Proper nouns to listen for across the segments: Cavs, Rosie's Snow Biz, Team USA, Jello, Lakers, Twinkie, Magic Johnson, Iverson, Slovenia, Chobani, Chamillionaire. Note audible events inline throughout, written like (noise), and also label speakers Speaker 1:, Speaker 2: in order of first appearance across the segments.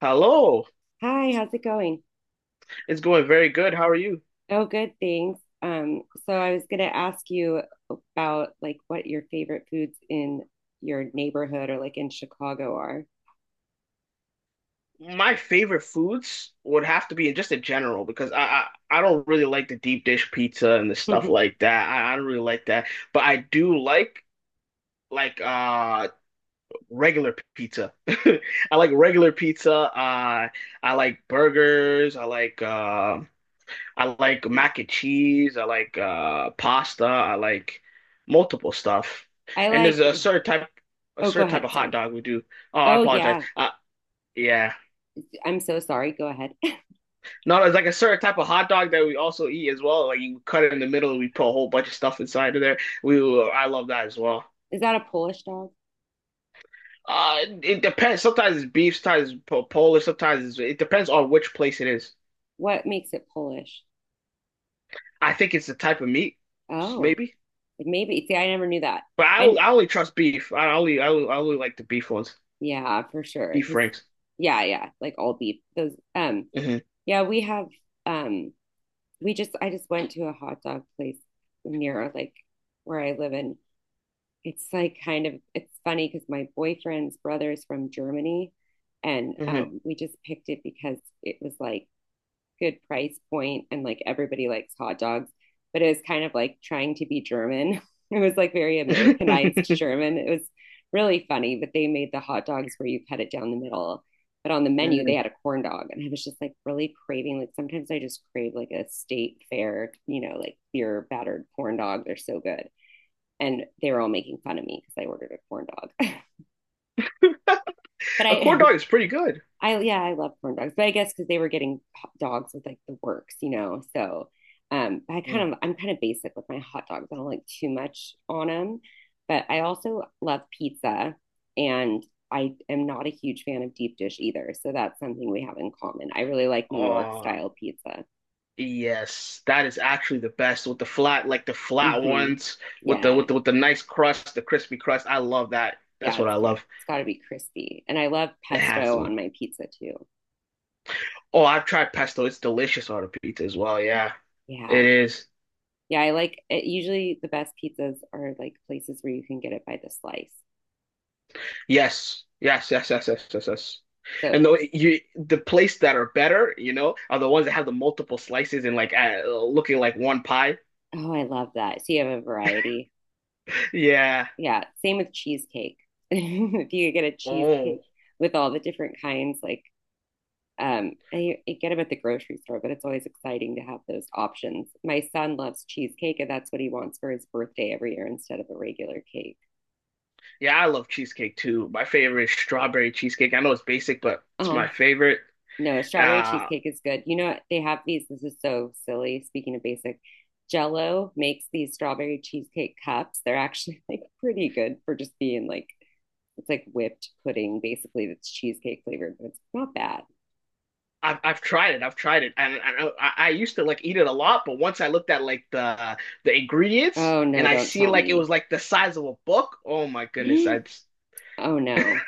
Speaker 1: Hello,
Speaker 2: Hi, how's it going?
Speaker 1: it's going very good. How are you?
Speaker 2: Oh, good, thanks. So I was gonna ask you about like what your favorite foods in your neighborhood or like in Chicago are.
Speaker 1: My favorite foods would have to be just in general because I don't really like the deep dish pizza and the stuff
Speaker 2: (laughs)
Speaker 1: like that. I don't really like that, but I do like like regular pizza. (laughs) I like regular pizza. I like burgers. I like mac and cheese. I like pasta. I like multiple stuff.
Speaker 2: I
Speaker 1: And there's
Speaker 2: like,
Speaker 1: a
Speaker 2: oh, go
Speaker 1: certain type
Speaker 2: ahead,
Speaker 1: of hot
Speaker 2: sorry.
Speaker 1: dog we do. Oh, I
Speaker 2: Oh
Speaker 1: apologize.
Speaker 2: yeah,
Speaker 1: Yeah.
Speaker 2: I'm so sorry. Go ahead. (laughs)
Speaker 1: No, it's like a certain type of hot dog that we also eat as well. Like you cut it in the middle, and we put a whole bunch of stuff inside of there. I love that as well.
Speaker 2: Is that a Polish dog?
Speaker 1: It depends. Sometimes it's beef, sometimes it's Polish, it depends on which place it is.
Speaker 2: What makes it Polish?
Speaker 1: I think it's the type of meat,
Speaker 2: Oh,
Speaker 1: maybe.
Speaker 2: like, maybe. See, I never knew that.
Speaker 1: But
Speaker 2: I
Speaker 1: I only trust beef. I only like the beef ones,
Speaker 2: Yeah, for sure.
Speaker 1: beef
Speaker 2: Because
Speaker 1: rings.
Speaker 2: yeah, yeah, like all beef. Those
Speaker 1: hmm
Speaker 2: yeah, we have um we just I just went to a hot dog place near like where I live, and it's like kind of it's funny because my boyfriend's brother is from Germany, and
Speaker 1: hmm
Speaker 2: we just picked it because it was like good price point and like everybody likes hot dogs, but it was kind of like trying to be German. (laughs) It was like very Americanized
Speaker 1: (laughs)
Speaker 2: German. It was really funny, but they made the hot dogs where you cut it down the middle. But on the menu, they had a corn dog, and I was just like really craving. Like sometimes I just crave like a state fair, you know, like your battered corn dog. They're so good, and they were all making fun of me because I ordered a corn dog. (laughs) But
Speaker 1: A corn dog is pretty good.
Speaker 2: I yeah, I love corn dogs, but I guess because they were getting hot dogs with like the works. So
Speaker 1: Mm.
Speaker 2: I'm kind of basic with my hot dogs. I don't like too much on them, but I also love pizza, and I am not a huge fan of deep dish either. So that's something we have in common. I really like New York
Speaker 1: Oh,
Speaker 2: style pizza.
Speaker 1: yes, that is actually the best with the flat, like the flat
Speaker 2: Hmm.
Speaker 1: ones with the
Speaker 2: Yeah,
Speaker 1: with the with the nice crust, the crispy crust. I love that.
Speaker 2: yeah,
Speaker 1: That's what
Speaker 2: it's
Speaker 1: I
Speaker 2: got
Speaker 1: love.
Speaker 2: it's got to be crispy, and I love
Speaker 1: It has to
Speaker 2: pesto
Speaker 1: be.
Speaker 2: on my pizza too.
Speaker 1: Oh, I've tried pesto. It's delicious on a pizza as well. Yeah, it
Speaker 2: Yeah,
Speaker 1: is.
Speaker 2: yeah, I like it. Usually the best pizzas are like places where you can get it by the slice.
Speaker 1: Yes, yes, yes, yes, yes, yes, yes.
Speaker 2: So,
Speaker 1: And the place that are better, you know, are the ones that have the multiple slices and like looking like one pie.
Speaker 2: oh, I love that. So you have a variety.
Speaker 1: Yeah.
Speaker 2: Yeah, same with cheesecake. (laughs) If you get a
Speaker 1: Oh,
Speaker 2: cheesecake with all the different kinds, like and you get them at the grocery store, but it's always exciting to have those options. My son loves cheesecake, and that's what he wants for his birthday every year instead of a regular cake.
Speaker 1: yeah. I love cheesecake too. My favorite is strawberry cheesecake. I know it's basic, but it's
Speaker 2: Oh,
Speaker 1: my favorite.
Speaker 2: no, a strawberry
Speaker 1: Uh,
Speaker 2: cheesecake is good. You know what? They have these. This is so silly. Speaking of basic, Jello makes these strawberry cheesecake cups. They're actually (laughs) like pretty good for just being like it's like whipped pudding basically that's cheesecake flavored, but it's not bad.
Speaker 1: I've tried it. I've tried it, and I used to like eat it a lot. But once I looked at like the ingredients,
Speaker 2: Oh
Speaker 1: and
Speaker 2: no,
Speaker 1: I
Speaker 2: don't
Speaker 1: seen
Speaker 2: tell
Speaker 1: like it
Speaker 2: me.
Speaker 1: was like the size of a book. Oh my goodness! I just-
Speaker 2: (gasps) Oh no.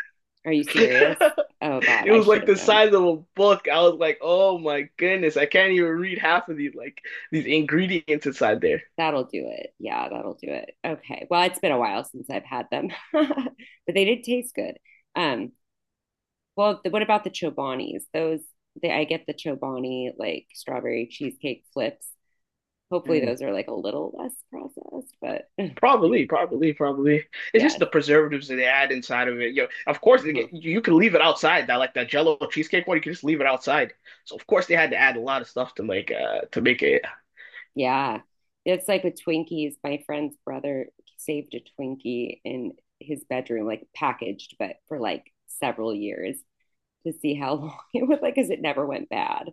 Speaker 2: Are you
Speaker 1: (laughs)
Speaker 2: serious? Oh god,
Speaker 1: it
Speaker 2: I
Speaker 1: was
Speaker 2: should
Speaker 1: like
Speaker 2: have
Speaker 1: the
Speaker 2: known.
Speaker 1: size of a book. I was like, oh my goodness! I can't even read half of these like these ingredients inside there.
Speaker 2: That'll do it. Yeah, that'll do it. Okay. Well, it's been a while since I've had them. (laughs) But they did taste good. Um Well, what about the Chobanis? I get the Chobani like strawberry cheesecake flips. Hopefully, those are like a little less processed, but (laughs)
Speaker 1: Probably, probably, probably. It's just
Speaker 2: yes.
Speaker 1: the preservatives that they add inside of it. You know, of course, they
Speaker 2: Mhm.
Speaker 1: get, you can leave it outside. That like that Jello cheesecake one, you can just leave it outside. So of course they had to add a lot of stuff to make it.
Speaker 2: Yeah. It's like with Twinkies. My friend's brother saved a Twinkie in his bedroom, like packaged, but for like several years to see how long (laughs) it was, like, because it never went bad.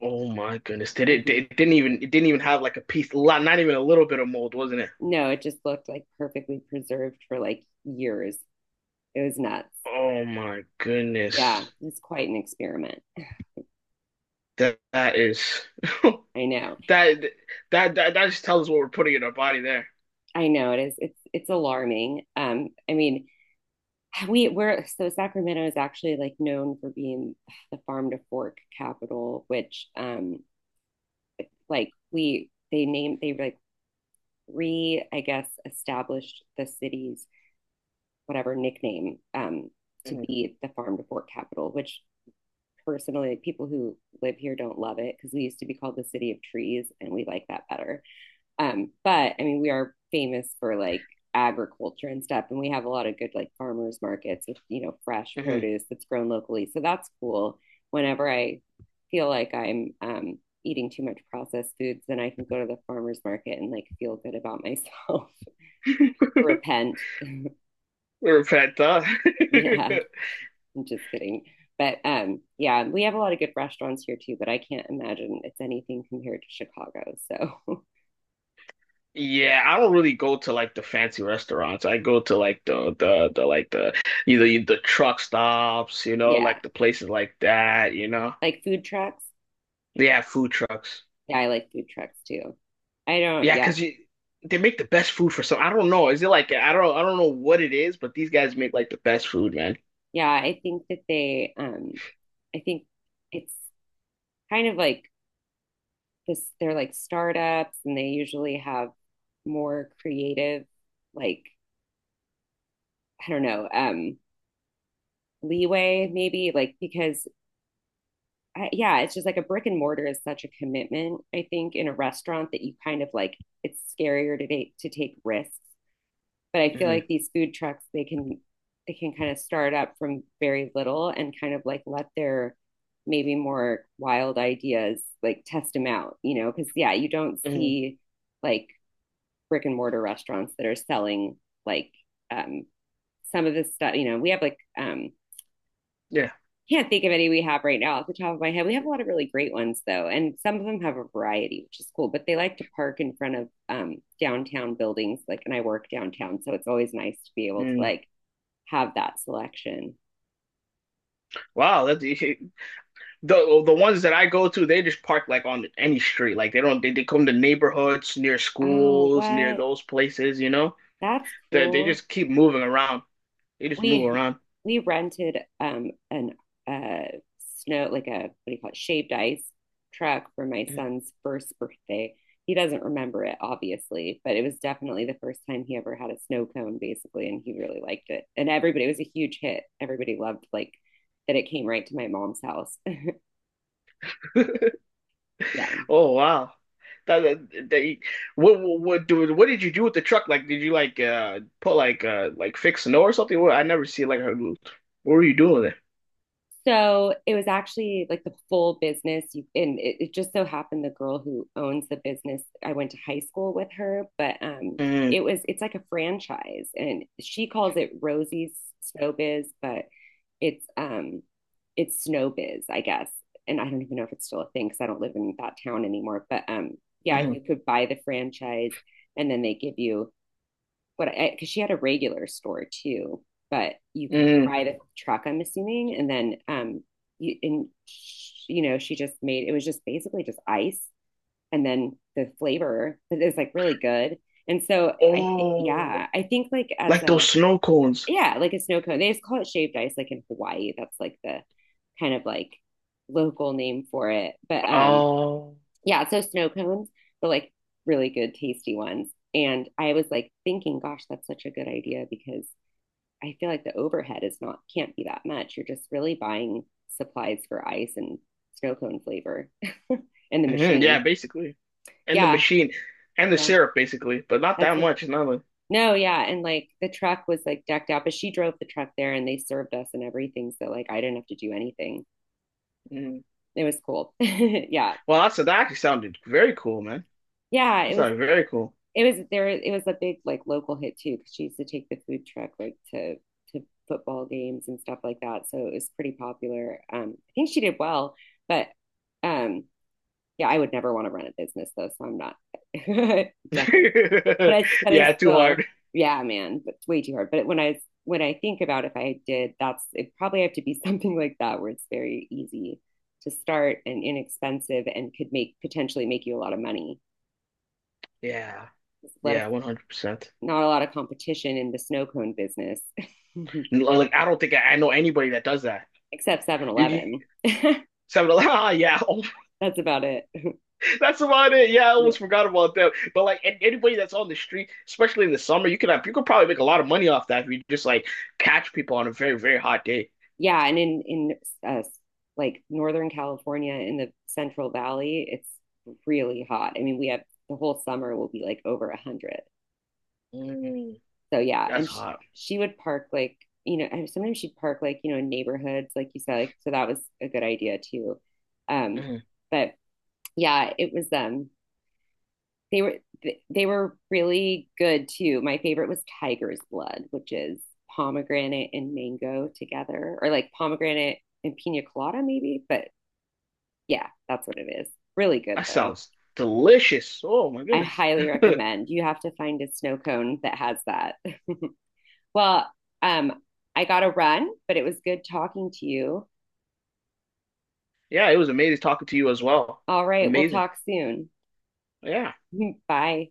Speaker 1: Oh my goodness, did it?
Speaker 2: Hmm.
Speaker 1: It didn't even have like a piece, lot, not even a little bit of mold, wasn't it?
Speaker 2: No, it just looked like perfectly preserved for like years. It was nuts.
Speaker 1: Oh my
Speaker 2: Yeah,
Speaker 1: goodness,
Speaker 2: it's quite an experiment.
Speaker 1: that that is
Speaker 2: I know.
Speaker 1: (laughs) that that just tells us what we're putting in our body there.
Speaker 2: I know it is. It's alarming. I mean, (sighs) we're so Sacramento is actually like known for being (sighs) the farm to fork capital, which like we they like re I guess established the city's whatever nickname to
Speaker 1: Mhm,
Speaker 2: be the farm to fork capital, which personally people who live here don't love it because we used to be called the city of trees, and we like that better. But I mean, we are famous for like agriculture and stuff, and we have a lot of good like farmers markets with fresh produce that's grown locally. So that's cool. Whenever I feel like I'm eating too much processed foods, then I can go to the farmers market and like feel good about myself, (laughs)
Speaker 1: mhm.
Speaker 2: repent.
Speaker 1: (laughs) We're a pet, huh?
Speaker 2: Yeah,
Speaker 1: (laughs)
Speaker 2: I'm just kidding. But yeah, we have a lot of good restaurants here too, but I can't imagine it's anything compared to Chicago. So (laughs)
Speaker 1: Yeah, I don't really go to like the fancy restaurants. I go to like the like the either the truck stops, you know,
Speaker 2: yeah,
Speaker 1: like the places like that, you know.
Speaker 2: like food trucks.
Speaker 1: They have food trucks.
Speaker 2: Yeah, I like food trucks too. I don't,
Speaker 1: Yeah,
Speaker 2: yeah.
Speaker 1: 'cause you they make the best food for some. I don't know. Is it like I don't know what it is, but these guys make like the best food, man.
Speaker 2: Yeah, I think that they I think it's kind of like this, they're like startups, and they usually have more creative, like, I don't know, leeway maybe, like, because yeah, it's just like a brick and mortar is such a commitment, I think, in a restaurant that you kind of like it's scarier to take risks, but I feel
Speaker 1: Hmm
Speaker 2: like these food trucks they can kind of start up from very little and kind of like let their maybe more wild ideas, like, test them out, you know, because yeah, you don't
Speaker 1: hmm
Speaker 2: see like brick and mortar restaurants that are selling like um some of this stuff, you know. We have like
Speaker 1: Yeah.
Speaker 2: can't think of any we have right now off the top of my head. We have a lot of really great ones though, and some of them have a variety, which is cool. But they like to park in front of downtown buildings, like, and I work downtown, so it's always nice to be able to
Speaker 1: Mm.
Speaker 2: like have that selection.
Speaker 1: Wow, that (laughs) the ones that I go to, they just park like on any street. Like they don't they come to neighborhoods near
Speaker 2: Oh,
Speaker 1: schools, near
Speaker 2: what?
Speaker 1: those places, you know?
Speaker 2: That's
Speaker 1: They
Speaker 2: cool.
Speaker 1: just keep moving around. They just move
Speaker 2: We
Speaker 1: around.
Speaker 2: we rented an uh snow, like, a, what do you call it, shaved ice truck for my son's first birthday. He doesn't remember it obviously, but it was definitely the first time he ever had a snow cone basically, and he really liked it. And everybody it was a huge hit. Everybody loved like that it came right to my mom's house. (laughs) Yeah.
Speaker 1: Oh wow. That, that, that- what what what did you do with the truck? Like, did you like put like fix snow or something? What I never see like her. What were you doing with it?
Speaker 2: So it was actually like the full business. And it just so happened the girl who owns the business, I went to high school with her, but it
Speaker 1: Mm,
Speaker 2: was it's like a franchise, and she calls it Rosie's Snow Biz, but it's um, it's Snow Biz, I guess. And I don't even know if it's still a thing because I don't live in that town anymore. But yeah,
Speaker 1: mm,
Speaker 2: you could buy the franchise, and then they give you what I because she had a regular store too, but you could
Speaker 1: mm.
Speaker 2: buy the truck, I'm assuming, and then you and you know she just made, it was just basically just ice and then the flavor, but like really good. And so I think
Speaker 1: Oh,
Speaker 2: yeah, I think like as
Speaker 1: like those
Speaker 2: a
Speaker 1: snow cones.
Speaker 2: yeah, like a snow cone. They just call it shaved ice like in Hawaii. That's like the kind of like local name for it. But
Speaker 1: Oh,
Speaker 2: yeah, so snow cones, but like really good, tasty ones. And I was like thinking, gosh, that's such a good idea because I feel like the overhead is not, can't be that much. You're just really buying supplies for ice and snow cone flavor (laughs) and the
Speaker 1: hmm yeah,
Speaker 2: machine.
Speaker 1: basically. And the
Speaker 2: Yeah,
Speaker 1: machine and the
Speaker 2: yeah,
Speaker 1: syrup, basically, but not
Speaker 2: that's
Speaker 1: that
Speaker 2: it.
Speaker 1: much. It's not like,
Speaker 2: No, yeah, and like the truck was like decked out, but she drove the truck there and they served us and everything. So like I didn't have to do anything.
Speaker 1: mm.
Speaker 2: It was cool. (laughs) Yeah.
Speaker 1: Well, that's that actually sounded very cool, man.
Speaker 2: Yeah, it
Speaker 1: That
Speaker 2: was
Speaker 1: sounded very cool.
Speaker 2: it was there. It was a big like local hit too because she used to take the food truck like to football games and stuff like that. So it was pretty popular. I think she did well, but um, yeah, I would never want to run a business though, so I'm not (laughs) definitely.
Speaker 1: (laughs)
Speaker 2: But I
Speaker 1: Yeah, too
Speaker 2: still,
Speaker 1: hard.
Speaker 2: yeah, man, but it's way too hard. But when I think about if I did, that's it probably have to be (laughs) something like that where it's very easy to start and inexpensive and could make potentially make you a lot of money.
Speaker 1: Yeah,
Speaker 2: Just let us
Speaker 1: yeah, 100%.
Speaker 2: Not a lot of competition in the snow cone business,
Speaker 1: Like, I don't think I know anybody that does that.
Speaker 2: (laughs) except Seven
Speaker 1: You
Speaker 2: Eleven.
Speaker 1: seven (laughs) ah, yeah, oh,
Speaker 2: (laughs) That's about it. (laughs)
Speaker 1: (laughs) that's about it. Yeah, I almost forgot about that. But like, an- anybody that's on the street, especially in the summer, you could probably make a lot of money off that if you just like catch people on a very, very hot day.
Speaker 2: Yeah. And in uh, like Northern California in the Central Valley, it's really hot. I mean, we have the whole summer will be like over 100.
Speaker 1: Mm,
Speaker 2: So, yeah.
Speaker 1: that's
Speaker 2: And
Speaker 1: hot.
Speaker 2: she would park like, sometimes she'd park like, in neighborhoods, like you said. Like, so that was a good idea too. Um,
Speaker 1: Mm,
Speaker 2: but yeah, it was they were they were really good too. My favorite was Tiger's Blood, which is pomegranate and mango together, or like pomegranate and pina colada maybe. But yeah, that's what it is. Really good
Speaker 1: that
Speaker 2: though.
Speaker 1: sounds delicious. Oh my
Speaker 2: I
Speaker 1: goodness.
Speaker 2: highly
Speaker 1: (laughs)
Speaker 2: recommend. You have to find a snow cone that has that. (laughs) Well, um, I got to run, but it was good talking to you.
Speaker 1: Yeah, it was amazing talking to you as well.
Speaker 2: All right, we'll
Speaker 1: Amazing.
Speaker 2: talk soon.
Speaker 1: Yeah.
Speaker 2: (laughs) Bye.